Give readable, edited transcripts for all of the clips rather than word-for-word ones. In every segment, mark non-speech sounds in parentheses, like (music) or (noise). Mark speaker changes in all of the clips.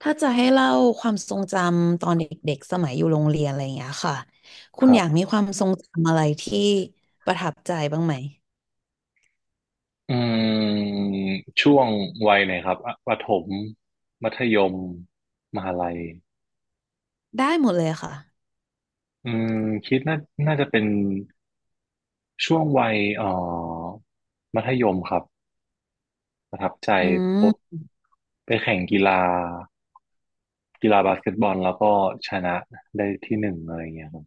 Speaker 1: ถ้าจะให้เล่าความทรงจำตอนเด็กๆสมัยอยู่โรงเรียนอะไรอย่างเงี้ยค่ะคุ
Speaker 2: ค
Speaker 1: ณ
Speaker 2: รั
Speaker 1: อยากมี
Speaker 2: บ
Speaker 1: ความทรงจำอะไรที่ประทับใจบ้างไหม
Speaker 2: อืมช่วงวัยไหนครับอ่ะประถมมัธยมมหาลัย
Speaker 1: ได้หมดเลยค่ะ
Speaker 2: อืมคิดน่าน่าจะเป็นช่วงวัยมัธยมครับประทับใจ
Speaker 1: อื
Speaker 2: พบ
Speaker 1: ม
Speaker 2: ไปแข่งกีฬากีฬาบาสเกตบอลแล้วก็ชนะได้ที่หนึ่งอะไรอย่างเงี้ยครับ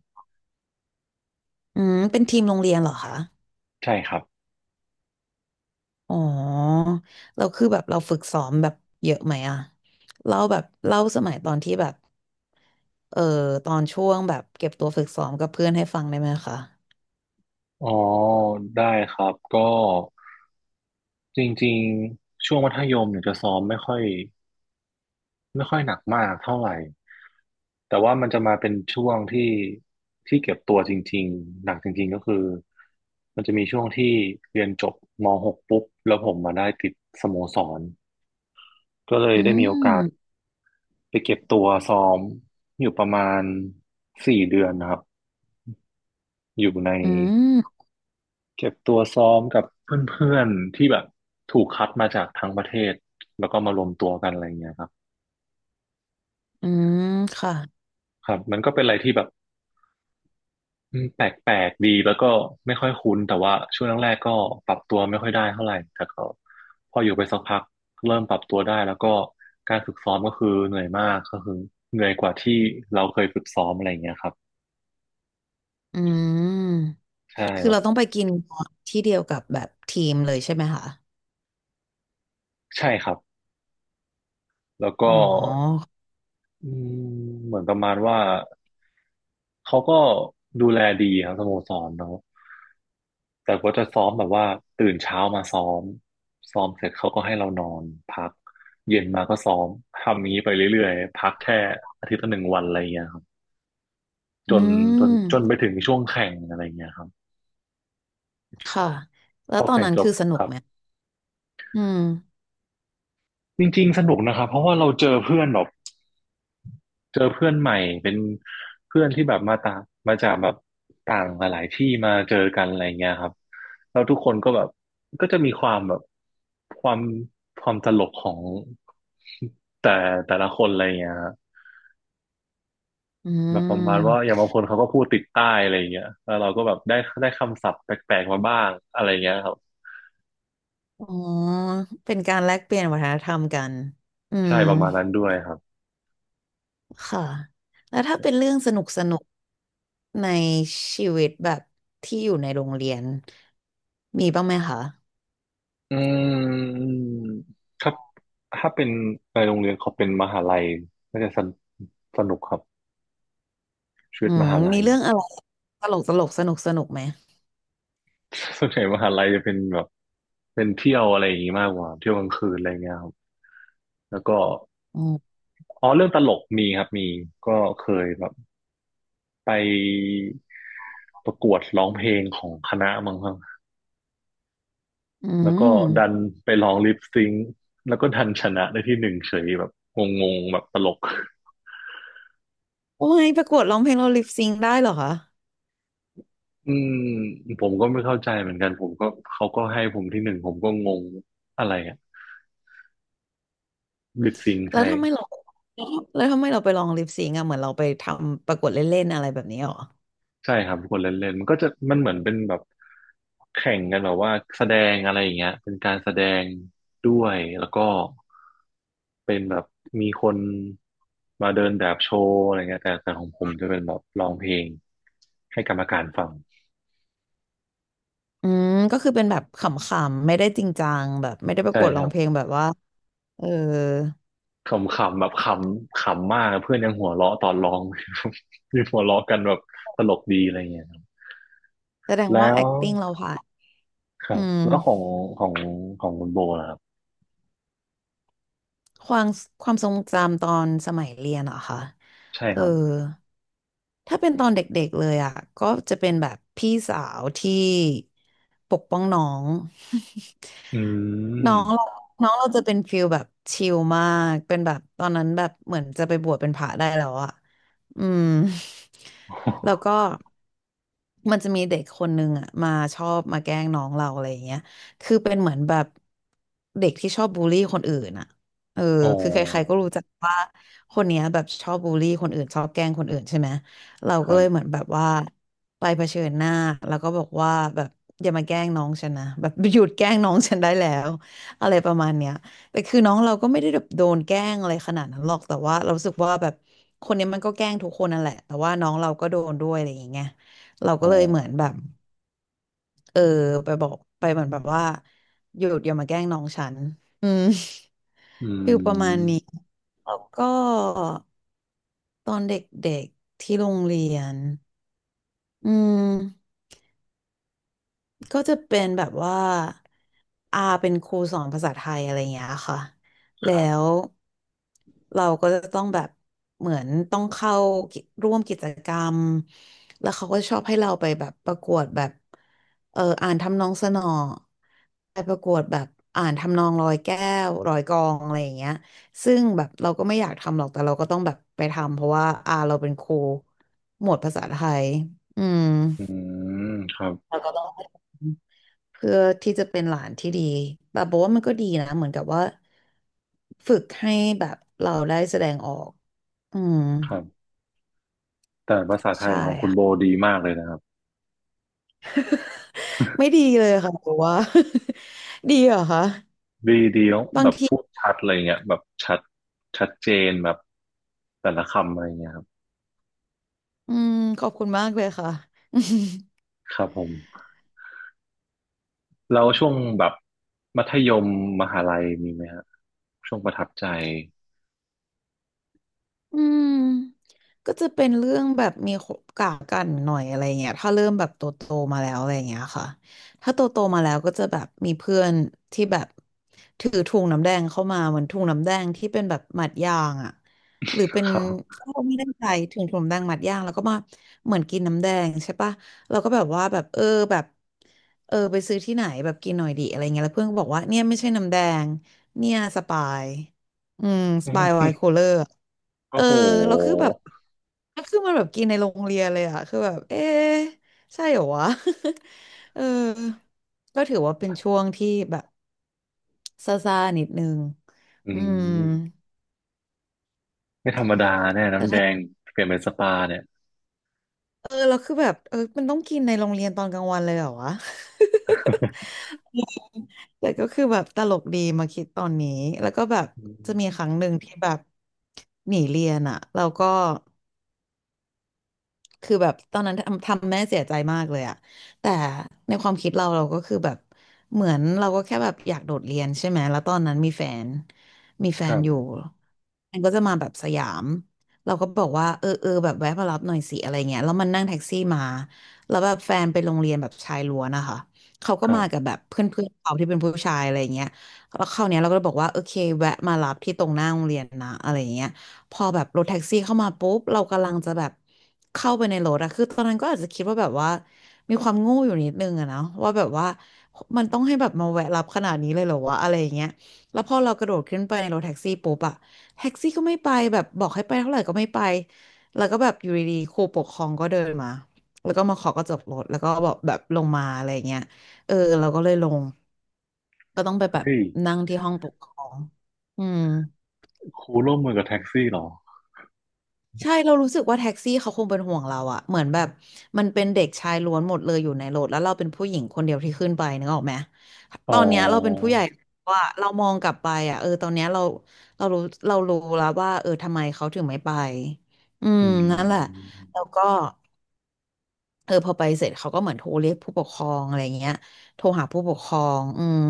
Speaker 1: อืมเป็นทีมโรงเรียนเหรอคะ
Speaker 2: ใช่ครับ
Speaker 1: อ๋อเราคือแบบเราฝึกซ้อมแบบเยอะไหมอะเล่าแบบเล่าสมัยตอนที่แบบเออตอนช่วงแบบเก็บตัวฝึกซ้อมกับเพื่อนให้ฟังได้ไหมคะ
Speaker 2: อ๋อได้ครับก็จริงๆช่วงมัธยมเนี่ยจะซ้อมไม่ค่อยหนักมากเท่าไหร่ แต่ว่ามันจะมาเป็นช่วงที่เก็บตัวจริงๆหนักจริงๆก็คือมันจะมีช่วงที่เรียนจบม .6 ปุ๊บแล้วผมมาได้ติดสโมสรก็เลย
Speaker 1: อื
Speaker 2: ได้มีโอกาส
Speaker 1: ม
Speaker 2: ไปเก็บตัวซ้อมอยู่ประมาณสี่เดือนนะครับอยู่ใน
Speaker 1: อืม
Speaker 2: เก็บตัวซ้อมกับเพื่อนๆที่แบบถูกคัดมาจากทั้งประเทศแล้วก็มารวมตัวกันอะไรเงี้ยครับ
Speaker 1: อืมค่ะ
Speaker 2: ครับมันก็เป็นอะไรที่แบบ แปลกๆดีแล้วก็ไม่ค่อยคุ้นแต่ว่าช่วงแรกๆก็ปรับตัวไม่ค่อยได้เท่าไหร่แต่ก็พออยู่ไปสักพักเริ่มปรับตัวได้แล้วก็การฝึกซ้อมก็คือเหนื่อยมากก็คือเหนื่อยกว่าที่เราเคยฝึกซ้อมอะไรอย่างเงี้ยครับ
Speaker 1: อืม
Speaker 2: ใช่
Speaker 1: คือ
Speaker 2: แบบ
Speaker 1: เราต้องไปกินที่เดียวกับแบบทีมเลยใช่ไหมคะ
Speaker 2: ใช่ครับแล้วก็
Speaker 1: อ๋อ
Speaker 2: อืมเหมือนประมาณว่าเขาก็ดูแลดีครับสโมสรเนาะ แต่ก็จะซ้อมแบบว่าตื่นเช้ามาซ้อมซ้อมเสร็จเขาก็ให้เรานอนพักเย็นมาก็ซ้อมทำอย่างนี้ไปเรื่อยๆพักแค่อาทิตย์ละหนึ่งวันอะไรอย่างเงี้ยครับ
Speaker 1: อื
Speaker 2: จน
Speaker 1: ม
Speaker 2: จนไปถึงช่วงแข่งอะไรอย่างเงี้ยครับ
Speaker 1: ค่ะ แล้
Speaker 2: พ
Speaker 1: ว
Speaker 2: อ
Speaker 1: ตอน
Speaker 2: แข่ง
Speaker 1: นั้น
Speaker 2: จบ
Speaker 1: คือสนุ
Speaker 2: ค
Speaker 1: ก
Speaker 2: รับ
Speaker 1: ไหมอืม
Speaker 2: จริงๆสนุกนะครับเพราะว่าเราเจอเพื่อนแบบ เจอเพื่อนใหม่เป็นเพื่อนที่แบบมาต่างมาจากแบบต่างหลายๆที่มาเจอกันอะไรเงี้ยครับแล้วทุกคนก็แบบก็จะมีความแบบความความตลกของ (laughs) แต่แต่ละคนอะไรเงี้ยฮะ
Speaker 1: อื
Speaker 2: แบบประมาณว่าอ
Speaker 1: ม
Speaker 2: ย่างบางคนเขาก็พูดติดใต้อะไรเงี้ยแล้วเราก็แบบได้คำศัพท์แปลกๆมาบ้างอะไรเงี้ยครับ
Speaker 1: อ๋อเป็นการแลกเปลี่ยนวัฒนธรรมกันอืม
Speaker 2: ใช่ประมาณนั้นด้วยครับ
Speaker 1: ค่ะ แล้วถ้าเป็นเรื่องสนุกสนุกในชีวิตแบบที่อยู่ในโรงเรียนมีบ้างไหมคะ
Speaker 2: อืมถ้าถ้าเป็นในโรงเรียนเขาเป็นมหาลัยน่าจะสนสนุกครับ ชีวิ
Speaker 1: อื
Speaker 2: ตม
Speaker 1: ม
Speaker 2: หาลั
Speaker 1: มี
Speaker 2: ย
Speaker 1: เรื่องอะไรตลกตลกสนุกสนุกไหม
Speaker 2: (laughs) ส่วนใหญ่มหาลัยจะเป็นแบบเป็นเที่ยวอะไรอย่างงี้มากกว่าเที่ยวกลางคืนอะไรเงี้ยครับแล้วก็
Speaker 1: อืม
Speaker 2: อ๋อเรื่องตลกมีครับมีก็เคยแบบไปประกวดร้องเพลงของคณะมั้งครับ
Speaker 1: อื
Speaker 2: แล้วก็
Speaker 1: ม
Speaker 2: ดันไปร้องลิปซิงค์แล้วก็ดันชนะได้ที่หนึ่งเฉยแบบงงๆแบบตลก
Speaker 1: โอ้ยประกวดร้องเพลงเราลิปซิงได้เหรอคะ
Speaker 2: อืมผมก็ไม่เข้าใจเหมือนกันผมก็เขาก็ให้ผมที่หนึ่งผมก็งงอะไรอะลิปซิงค์
Speaker 1: แล้ว
Speaker 2: ใช่
Speaker 1: ทำไมเราแล้วทำไมเราไปลองลิปซิงก์อะเหมือนเราไปทำประกวดเล่นๆอะไรแบบนี้หรอ
Speaker 2: ใช่ครับกดเล่นเล่นมันก็จะมันเหมือนเป็นแบบแข่งกันแบบว่าแสดงอะไรอย่างเงี้ยเป็นการแสดงด้วยแล้วก็เป็นแบบมีคนมาเดินแบบโชว์อะไรเงี้ยแต่ของผมจะเป็นแบบร้องเพลงให้กรรมการฟัง
Speaker 1: อืมก็คือเป็นแบบขำๆไม่ได้จริงจังแบบไม่ได้ประ
Speaker 2: ใช่
Speaker 1: กวด
Speaker 2: ค
Speaker 1: ร้อ
Speaker 2: รั
Speaker 1: ง
Speaker 2: บ
Speaker 1: เพลงแบบว่าเออ
Speaker 2: ขำๆแบบขำขำมากเพื่อนยังหัวเราะตอนร้อง (laughs) มีหัวเราะกันแบบตลกดีอะไรเงี้ยครับ
Speaker 1: แสดงว่า
Speaker 2: แล้ว
Speaker 1: acting เราผ่าน
Speaker 2: ครั
Speaker 1: อื
Speaker 2: บ
Speaker 1: ม
Speaker 2: แล้วของของคุณโบล่ะครับ
Speaker 1: ความความทรงจำตอนสมัยเรียนเหรอคะ
Speaker 2: ใช่
Speaker 1: เอ
Speaker 2: ค
Speaker 1: อ
Speaker 2: รับ
Speaker 1: ถ้าเป็นตอนเด็กๆเลยอ่ะก็จะเป็นแบบพี่สาวที่ปกป้องน้อง
Speaker 2: อื
Speaker 1: น้องเรา
Speaker 2: ม
Speaker 1: น้องเราจะเป็นฟิลแบบชิลมาก เป็นแบบตอนนั้นแบบเหมือนจะไปบวชเป็นพระได้แล้วอะ อืม (laughs) แล้วก็มันจะมีเด็กคนนึงอ่ะมาชอบมาแกล้งน้องเราอะไรอย่างเงี้ยคือเป็นเหมือนแบบเด็กที่ชอบบูลลี่คนอื่นอ่ะเออ
Speaker 2: อ๋อ
Speaker 1: คือใครๆก็รู้จักว่าคนเนี้ยแบบชอบบูลลี่คนอื่นชอบแกล้งคนอื่นใช่ไหมเรา
Speaker 2: ค
Speaker 1: ก็
Speaker 2: รั
Speaker 1: เลยเหมือน
Speaker 2: บ
Speaker 1: แบบว่าไปเผชิญหน้าแล้วก็บอกว่าแบบอย่ามาแกล้งน้องฉันนะแบบหยุดแกล้งน้องฉันได้แล้วอะไรประมาณเนี้ย แต่คือน้องเราก็ไม่ได้แบบโดนแกล้งอะไรขนาดนั้นหรอกแต่ว่าเรารู้สึกว่าแบบคนเนี้ยมันก็แกล้งทุกคนนั่นแหละแต่ว่าน้องเราก็โดนด้วยอะไรอย่างเงี้ยเรา
Speaker 2: อ๋
Speaker 1: ก็
Speaker 2: อ
Speaker 1: เลยเหมือนแบบเออไปบอกไปเหมือนแบบว่าหยุดอย่ามาแกล้งน้องฉันอืม
Speaker 2: อื
Speaker 1: (laughs) ฟิลประมาณนี้
Speaker 2: ม
Speaker 1: แล้วก็ตอนเด็กๆที่โรงเรียนอืม ก็จะเป็นแบบว่าอาเป็นครูสอนภาษาไทยอะไรอย่างเงี้ยค่ะ
Speaker 2: ค
Speaker 1: แล้
Speaker 2: รั
Speaker 1: ว
Speaker 2: บ
Speaker 1: เราก็จะต้องแบบเหมือนต้องเข้ากิร่วมกิจกรรมแล้วเขาก็ชอบให้เราไปแบบประกวดแบบอ่านทำนองสนอไปประกวดแบบอ่านทำนองร้อยแก้วร้อยกลองอะไรอย่างเงี้ยซึ่งแบบเราก็ไม่อยากทำหรอกแต่เราก็ต้องแบบไปทำเพราะว่าอาเราเป็นครูหมวดภาษาไทยอืม
Speaker 2: อืมครับ
Speaker 1: เราก็ต้อง เพื่อที่จะเป็นหลานที่ดีแบบบอกว่ามันก็ดีนะเหมือนกับว่าฝึกให้แบบเราได้แสดงออก อืม
Speaker 2: ครับ แต่ภาษาไท
Speaker 1: ใช่
Speaker 2: ยของคุณ
Speaker 1: ค่ะ
Speaker 2: โบดีมากเลยนะครับ
Speaker 1: (laughs) ไม่ดีเลยค่ะบอกว่า (laughs) ดีเหรอคะ
Speaker 2: ดีดีแล้
Speaker 1: บา
Speaker 2: แบ
Speaker 1: ง
Speaker 2: บ
Speaker 1: ที
Speaker 2: พูดชัดอะไรเงี้ยแบบชัดเจนแบบแต่ละคำอะไรเงี้ยครับ
Speaker 1: อืมขอบคุณมากเลยค่ะ (laughs)
Speaker 2: ครับผมแล้วช่วงแบบมัธยมมหาลัยมีไหมฮะช่วงประทับใจ
Speaker 1: อืมก็จะเป็นเรื่องแบบมีกากกันหน่อยอะไรเงี้ยถ้าเริ่มแบบโตโตมาแล้วอะไรเงี้ยค่ะถ้าโตโตมาแล้วก็จะแบบมีเพื่อนที่แบบถือถุงน้ำแดงเข้ามาเหมือนถุงน้ำแดงที่เป็นแบบหมัดยางอ่ะหรือเป็น
Speaker 2: ครับ
Speaker 1: เขาไม่ได้ใจถึงถุงน้ำแดงหมัดยางแล้วก็มาเหมือนกินน้ำแดงใช่ปะเราก็แบบว่าแบบแบบเออไปซื้อที่ไหนแบบกินหน่อยดีอะไรเงี้ยแล้วเพื่อนก็บอกว่าเนี่ยไม่ใช่น้ำแดงเนี่ยสปายอืม
Speaker 2: (laughs)
Speaker 1: ส
Speaker 2: อื
Speaker 1: ปายไวน์คู
Speaker 2: ม
Speaker 1: ลเลอร์ เอ
Speaker 2: โอ้
Speaker 1: อ
Speaker 2: โห
Speaker 1: แล้วคือแบบแล้วคือมันแบบกินในโรงเรียนเลยอะคือแบบเอ๊ะใช่เหรอวะ (laughs) เออก็ถือว่าเป็นช่วงที่แบบซ่าๆนิดนึง
Speaker 2: อื
Speaker 1: อืม
Speaker 2: มไม่ธรรมดาแน่
Speaker 1: แล้ว
Speaker 2: น้ำแด
Speaker 1: ถ้า
Speaker 2: งเปลี่ยนเป็นสปาเนี่ย
Speaker 1: แล้วคือแบบเออมันต้องกินในโรงเรียนตอนกลางวันเลยเหรอวะ (laughs) แต่ก็คือแบบตลกดีมาคิดตอนนี้แล้วก็แบบ
Speaker 2: (laughs) อื
Speaker 1: จะ
Speaker 2: ม
Speaker 1: มีครั้งหนึ่งที่แบบหนีเรียนอะแล้วก็ คือแบบตอนนั้นทำทำแม่เสียใจมากเลยอะแต่ในความคิดเราเราก็คือแบบเหมือนเราก็แค่แบบอยากโดดเรียนใช่ไหม แล้วตอนนั้นมีแฟน
Speaker 2: ครับ
Speaker 1: อยู่มันก็จะมาแบบสยามเราก็บอกว่าเออเออแบบแวะมารับหน่อยสิอะไรเงี้ยแล้วมันนั่งแท็กซี่มาแล้วแบบแฟนไปโรงเรียนแบบชายล้วนนะคะเขาก็
Speaker 2: ครั
Speaker 1: มากั
Speaker 2: บ
Speaker 1: บแบบเพื่อนเพื่อนเขาที่เป็นผู้ชายอะไรเงี้ยแล้วคราวเนี้ยเราก็เลยบอกว่าโอเคแวะมารับที่ตรงหน้าโรงเรียนนะอะไรเงี้ย พอแบบรถแท็กซี่เข้ามาปุ๊บเรากำลังจะแบบเข้าไปในรถอะคือตอนนั้นก็อาจจะคิดว่าแบบว่ามีความโง่อยู่นิดนึงอะเนาะว่าแบบว่ามันต้องให้แบบมาแวะรับขนาดนี้เลยเหรอวะอะไรอย่างเงี้ยแล้วพอเรากระโดดขึ้นไปในรถแท็กซี่ปุ๊บอะแท็กซี่ก็ไม่ไปแบบบอกให้ไปเท่าไหร่ก็ไม่ไปแล้วก็แบบอยู่ดีๆครูปกครองก็เดินมาแล้วก็มาขอกระจกรถแล้วก็บอกแบบลงมาอะไรอย่างเงี้ยเออเราก็เลยลงก็ต้องไปแบบ
Speaker 2: เฮ้ย
Speaker 1: นั่งที่ห้องปกครองอืม
Speaker 2: ครูร่วมมือกับแท็กซี่เหรอ
Speaker 1: ใช่เรารู้สึกว่าแท็กซี่เขาคงเป็นห่วงเราอะเหมือนแบบมันเป็นเด็กชายล้วนหมดเลยอยู่ในรถแล้วเราเป็นผู้หญิงคนเดียวที่ขึ้นไปนึกออกไหม
Speaker 2: อ๋อ
Speaker 1: ตอนเนี้ยเราเป็นผู้ใหญ่ว่าเรามองกลับไปอะเออตอนเนี้ยเราเรารู้เรารู้แล้วว่าเออทำไมเขาถึงไม่ไปอืม
Speaker 2: อื
Speaker 1: นั่นแหละ
Speaker 2: ม
Speaker 1: แล้วก็ เออพอไปเสร็จเขาก็เหมือนโทรเรียกผู้ปกครองอะไรเงี้ยโทรหาผู้ปกครองอืม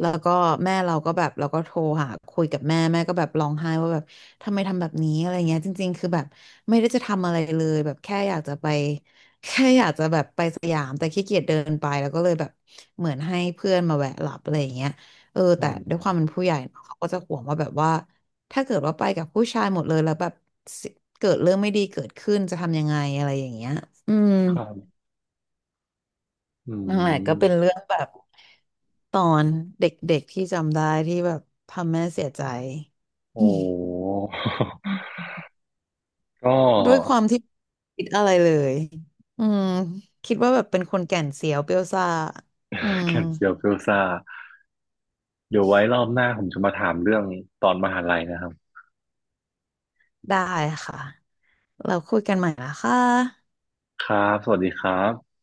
Speaker 1: แล้วก็แม่เราก็แบบเราก็โทรหาคุยกับแม่แม่ก็แบบร้องไห้ว่าแบบทำไมทำแบบนี้อะไรเงี้ยจริงๆคือแบบไม่ได้จะทำอะไรเลยแบบแค่อยากจะไป (laughs) แค่อยากจะแบบไปสยามแต่ขี้เกียจเดินไปแล้วก็เลยแบบเหมือนให้เพื่อนมาแวะหลับอะไรอย่างเงี้ยเออ
Speaker 2: อื
Speaker 1: แต่
Speaker 2: ม
Speaker 1: ด้วยความเป็นผู้ใหญ่เนอะเขาก็จะห่วงว่าแบบว่า ถ้าเกิดว่าไปกับผู้ชายหมดเลยแล้วแบบเกิดเรื่องไม่ดีเกิดขึ้นจะทำยังไงอะไรอย่างเงี้ยอืม
Speaker 2: ครับอื
Speaker 1: นั่นแหละก็เป็น
Speaker 2: ม
Speaker 1: เรื่องแบบตอนเด็กๆที่จำได้ที่แบบทำแม่เสียใจ (laughs) อื
Speaker 2: โอ้
Speaker 1: ม
Speaker 2: (laughs) ก็
Speaker 1: ด้วยความที่คิดอะไรเลยอืมคิดว่าแบบเป็นคนแก่นเสียวเปรี้ยวซ่าอืม
Speaker 2: แก่เซียวเฟลยซาเดี๋ยวไว้รอบหน้าผมจะมาถามเรื่องตอนมหาลัยนะครับ
Speaker 1: ได้ค่ะเราคุยกันใหม่นะคะ
Speaker 2: ครับ สวัสดีครับ